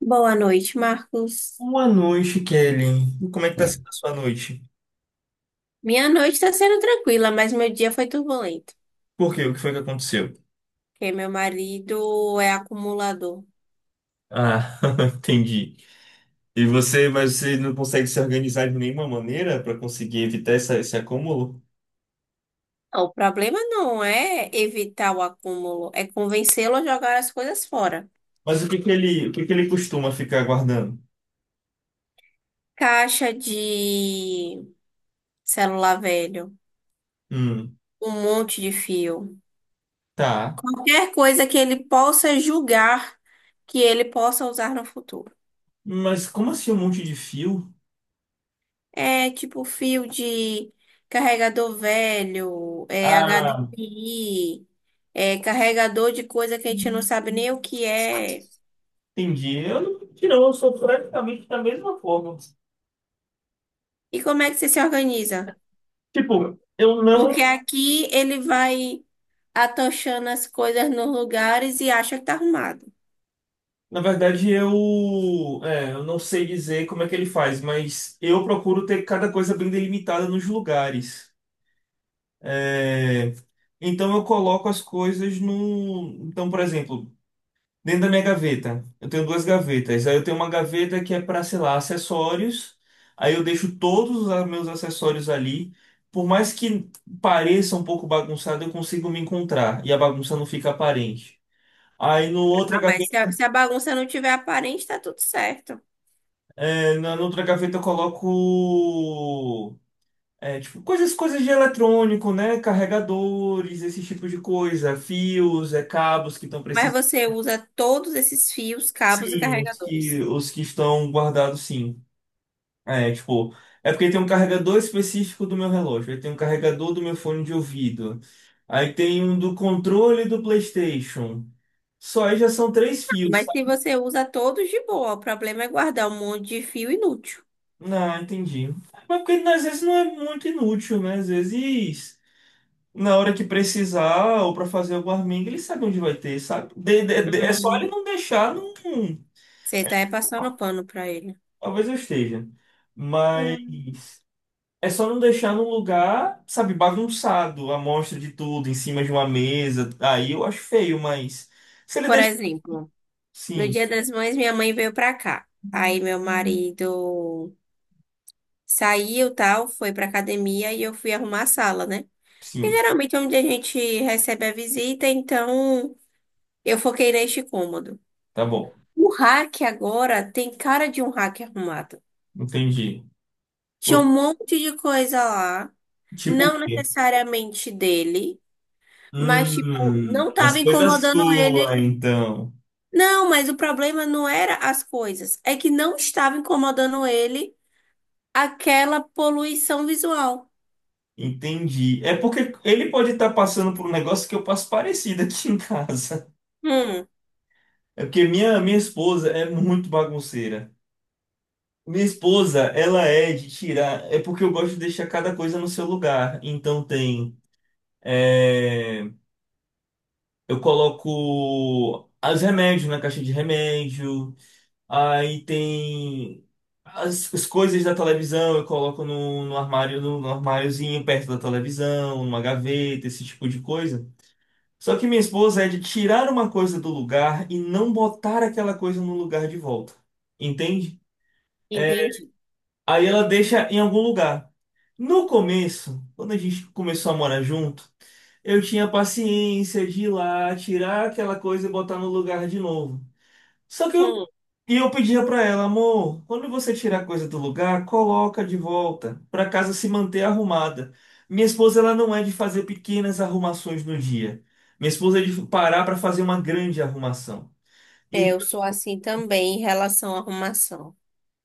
Boa noite, Marcos. Boa noite, Kelly. E como é que tá sendo a sua noite? Minha noite está sendo tranquila, mas meu dia foi turbulento, Por quê? O que foi que aconteceu? porque meu marido é acumulador. Ah, entendi. Mas você não consegue se organizar de nenhuma maneira para conseguir evitar esse acúmulo? O problema não é evitar o acúmulo, é convencê-lo a jogar as coisas fora. Mas o que que ele costuma ficar guardando? Caixa de celular velho, Hum, um monte de fio, tá. qualquer coisa que ele possa julgar que ele possa usar no futuro. Mas como assim um monte de fio? É tipo fio de carregador velho, é Ah, HDMI, é carregador de coisa que a gente não sabe nem o que é. entendi. Eu não, Não, eu sou praticamente da mesma forma. E como é que você se organiza? Tipo, eu não. Porque aqui ele vai atochando as coisas nos lugares e acha que tá arrumado. Na verdade, eu não sei dizer como é que ele faz, mas eu procuro ter cada coisa bem delimitada nos lugares. É, então eu coloco as coisas no. Então, por exemplo, dentro da minha gaveta, eu tenho duas gavetas. Aí eu tenho uma gaveta que é para, sei lá, acessórios. Aí eu deixo todos os meus acessórios ali. Por mais que pareça um pouco bagunçado, eu consigo me encontrar e a bagunça não fica aparente. Aí no outra Ah, mas se a bagunça não tiver aparente, tá tudo certo. É, na outra gaveta eu coloco tipo, coisas de eletrônico, né? Carregadores, esse tipo de coisa, fios, é, cabos que estão Mas precisando. você usa todos esses fios, cabos e Sim, os que, carregadores? os que estão guardados, sim. É, tipo, é porque tem um carregador específico do meu relógio, aí tem um carregador do meu fone de ouvido, aí tem um do controle do PlayStation. Só aí já são três fios, Mas se sabe? você usa todos de boa, o problema é guardar um monte de fio inútil. Ah, entendi. Mas porque às vezes não é muito inútil, né? Às vezes. Na hora que precisar ou para fazer alguma arminga, ele sabe onde vai ter, sabe? É só ele Uhum. não deixar num. Você tá aí passando pano pra ele. Talvez eu esteja. Mas Hum. é só não deixar num lugar, sabe, bagunçado, a mostra de tudo, em cima de uma mesa. Aí eu acho feio, mas. Se ele Por deixa. exemplo, no Sim, Dia das Mães, minha mãe veio pra cá. Aí meu marido saiu, tal, foi pra academia e eu fui arrumar a sala, né? Porque sim, geralmente é onde a gente recebe a visita, então eu foquei neste cômodo. tá bom. O rack agora tem cara de um rack arrumado. Entendi. Tinha um Por- monte de coisa lá, Tipo o não quê? necessariamente dele, mas tipo, não Mas tava coisa incomodando ele. sua, então. Não, mas o problema não era as coisas, é que não estava incomodando ele aquela poluição visual. Entendi. É porque ele pode estar passando por um negócio que eu passo parecido aqui em casa. Hum, É porque minha esposa é muito bagunceira. Minha esposa, ela é de tirar. É porque eu gosto de deixar cada coisa no seu lugar. Então tem. É, eu coloco os remédios na caixa de remédio. Aí tem as coisas da televisão, eu coloco no armário, no armáriozinho perto da televisão, numa gaveta, esse tipo de coisa. Só que minha esposa é de tirar uma coisa do lugar e não botar aquela coisa no lugar de volta. Entende? entendi. Aí ela deixa em algum lugar. No começo, quando a gente começou a morar junto, eu tinha paciência de ir lá, tirar aquela coisa e botar no lugar de novo. Só que eu, Hum, e eu pedia pra ela, amor, quando você tirar a coisa do lugar, coloca de volta, pra casa se manter arrumada. Minha esposa, ela não é de fazer pequenas arrumações no dia. Minha esposa é de parar pra fazer uma grande arrumação. é, eu sou assim também em relação à arrumação.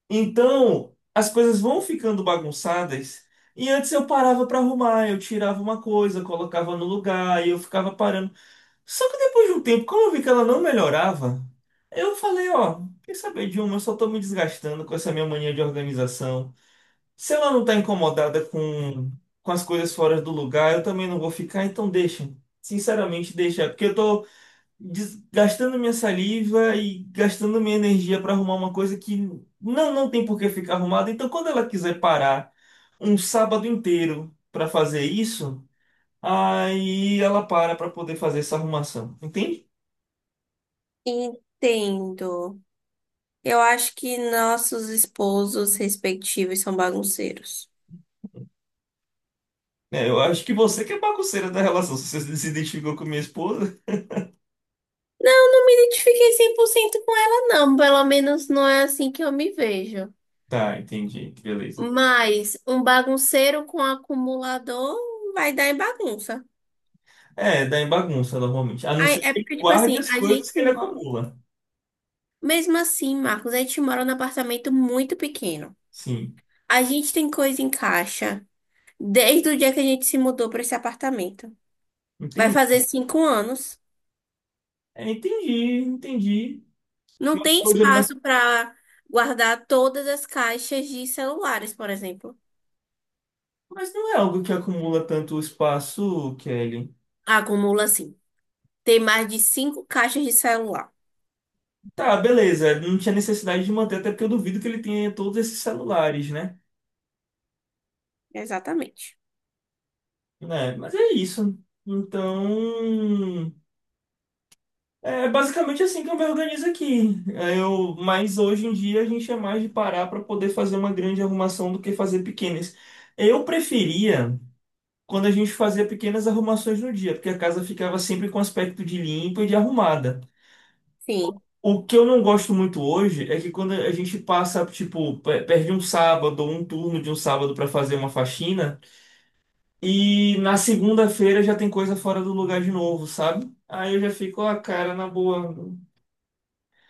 Então, as coisas vão ficando bagunçadas. E antes eu parava para arrumar, eu tirava uma coisa, colocava no lugar e eu ficava parando. Só que depois de um tempo, como eu vi que ela não melhorava, eu falei, ó, quer saber de uma, eu só tô me desgastando com essa minha mania de organização. Se ela não tá com as coisas fora do lugar, eu também não vou ficar, então deixa. Sinceramente, deixa, porque eu tô gastando minha saliva e gastando minha energia para arrumar uma coisa que não tem por que ficar arrumada. Então, quando ela quiser parar um sábado inteiro para fazer isso, aí ela para para poder fazer essa arrumação. Entende? Entendo. Eu acho que nossos esposos respectivos são bagunceiros. É, eu acho que você que é bagunceira da relação, se você se identificou com minha esposa. Não, não me identifiquei 100% com ela, não. Pelo menos não é assim que eu me vejo. Tá, entendi, beleza. Mas um bagunceiro com acumulador vai dar em bagunça. É, dá em bagunça normalmente. A não Ai, ser que é ele porque, tipo guarde assim, as a coisas que gente ele mora. acumula. Mesmo assim, Marcos, a gente mora num apartamento muito pequeno. Sim, A gente tem coisa em caixa desde o dia que a gente se mudou para esse apartamento. Vai entendi. fazer 5 anos. É, entendi, entendi. Não tem Mas, espaço para guardar todas as caixas de celulares, por exemplo. Mas não é algo que acumula tanto espaço, Kelly. Acumula sim. Tem mais de 5 caixas de celular. Tá, beleza. Não tinha necessidade de manter, até porque eu duvido que ele tenha todos esses celulares, né? Exatamente. Né? Mas é isso. Então, é basicamente assim que eu me organizo aqui. Mas hoje em dia a gente é mais de parar para poder fazer uma grande arrumação do que fazer pequenas. Eu preferia quando a gente fazia pequenas arrumações no dia, porque a casa ficava sempre com aspecto de limpa e de arrumada. Sim. O que eu não gosto muito hoje é que quando a gente passa, tipo, perde um sábado ou um turno de um sábado pra fazer uma faxina e na segunda-feira já tem coisa fora do lugar de novo, sabe? Aí eu já fico, ah, cara, na boa,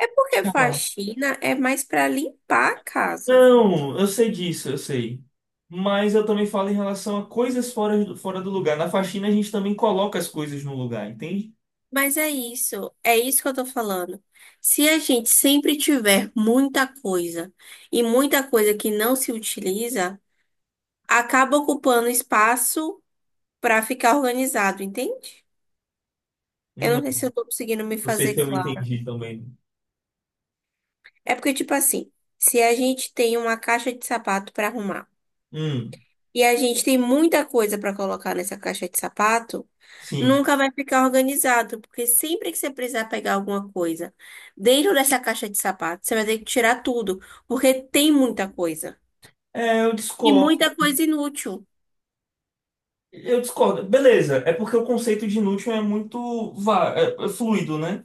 É porque deixa lá. faxina é mais para limpar a casa. Não, eu sei disso, eu sei. Mas eu também falo em relação a coisas fora do lugar. Na faxina a gente também coloca as coisas no lugar, entende? Mas é isso que eu tô falando. Se a gente sempre tiver muita coisa e muita coisa que não se utiliza, acaba ocupando espaço para ficar organizado, entende? Eu não Não, sei se eu tô conseguindo me não sei fazer se eu claro. entendi também. É porque, tipo assim, se a gente tem uma caixa de sapato para arrumar, Hum, e a gente tem muita coisa para colocar nessa caixa de sapato, sim. nunca vai ficar organizado, porque sempre que você precisar pegar alguma coisa dentro dessa caixa de sapato, você vai ter que tirar tudo, porque tem muita coisa. É, eu E discordo. muita coisa inútil. Eu discordo. Beleza, é porque o conceito de inútil é muito é fluido, né?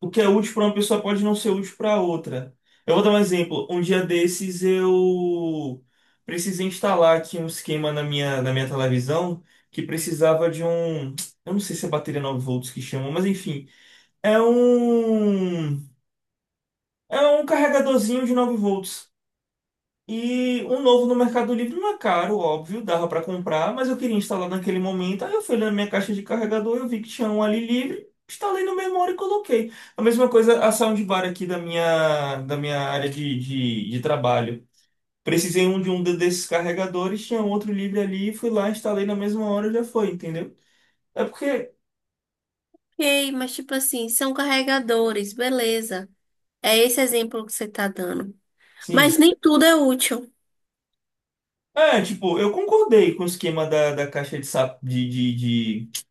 O que é útil para uma pessoa pode não ser útil para outra. Eu vou dar um exemplo. Um dia desses eu precisei instalar aqui um esquema na na minha televisão que precisava de um. Eu não sei se é bateria 9 volts que chamam, mas enfim. É um. É um carregadorzinho de 9 volts. E um novo no Mercado Livre não é caro, óbvio, dava para comprar, mas eu queria instalar naquele momento. Aí eu fui na minha caixa de carregador, eu vi que tinha um ali livre, instalei na mesma hora e coloquei. A mesma coisa a soundbar aqui da da minha área de trabalho. Precisei um de um desses carregadores, tinha outro livre ali, fui lá, instalei na mesma hora, já foi, entendeu? É porque, Ok, mas tipo assim, são carregadores, beleza. É esse exemplo que você tá dando. sim. Mas nem tudo é útil. É, tipo, eu concordei com o esquema da caixa de, sap-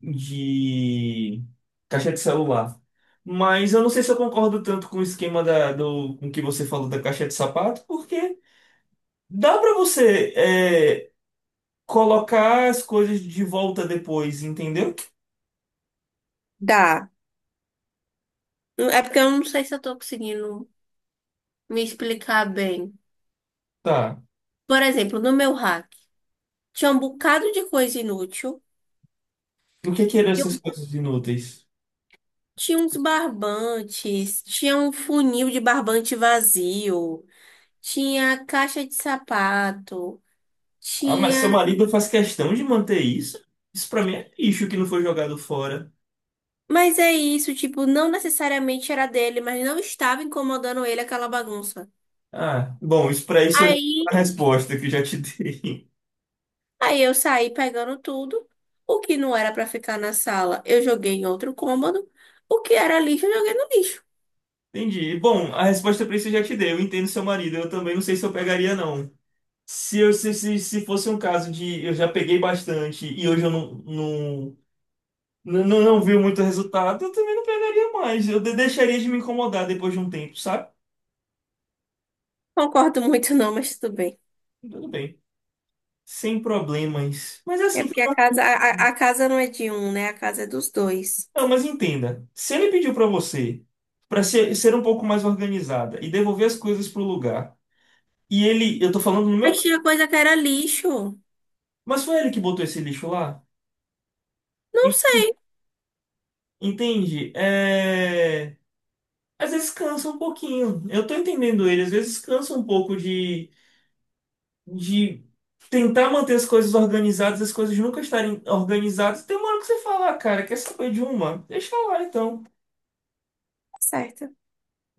de caixa de celular. Mas eu não sei se eu concordo tanto com o esquema com o que você falou da caixa de sapato, porque dá para você colocar as coisas de volta depois, entendeu? Dá. É porque eu não sei se eu tô conseguindo me explicar bem. Tá. Por exemplo, no meu hack tinha um bocado de coisa inútil. E o que que eram essas coisas inúteis? Tinha uns barbantes, tinha um funil de barbante vazio, tinha caixa de sapato, Ah, mas seu tinha. marido faz questão de manter isso? Isso pra mim é lixo que não foi jogado fora. Mas é isso, tipo, não necessariamente era dele, mas não estava incomodando ele aquela bagunça. Ah, bom, isso é Aí, a resposta que eu já te dei. aí eu saí pegando tudo, o que não era pra ficar na sala, eu joguei em outro cômodo, o que era lixo, eu joguei no lixo. Entendi. Bom, a resposta pra isso eu já te dei. Eu entendo seu marido. Eu também não sei se eu pegaria, não. Se fosse um caso de eu já peguei bastante e hoje eu não vi muito resultado, eu também não pegaria mais. Eu deixaria de me incomodar depois de um tempo, sabe? Concordo muito não, mas tudo bem. Tudo bem. Sem problemas. Mas é É assim, que porque a eu. casa, a, a a casa não é de um, né? A casa é dos dois. Não, mas entenda. Se ele pediu pra você pra ser um pouco mais organizada e devolver as coisas pro lugar, e ele, eu tô falando no meu Mas caso, tinha coisa que era lixo. mas foi ele que botou esse lixo lá? Não En- sei, Entende? É. Às vezes cansa um pouquinho. Eu tô entendendo ele. Às vezes cansa um pouco de tentar manter as coisas organizadas, as coisas nunca estarem organizadas. Tem uma hora que você fala, "Ah, cara, quer saber de uma? Deixa lá então." certo.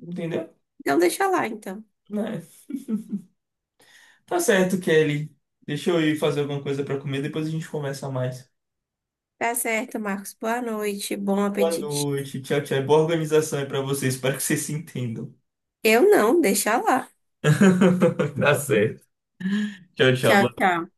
Entendeu? Então deixa lá, então. Né? Tá certo, Kelly. Deixa eu ir fazer alguma coisa pra comer, depois a gente conversa mais. Tá certo, Marcos. Boa noite, bom Boa apetite. noite, tchau, tchau. Boa organização aí pra vocês. Espero que vocês se entendam. Eu não, deixa lá. Tá certo. Tchau, Tchau, tchau. tchau.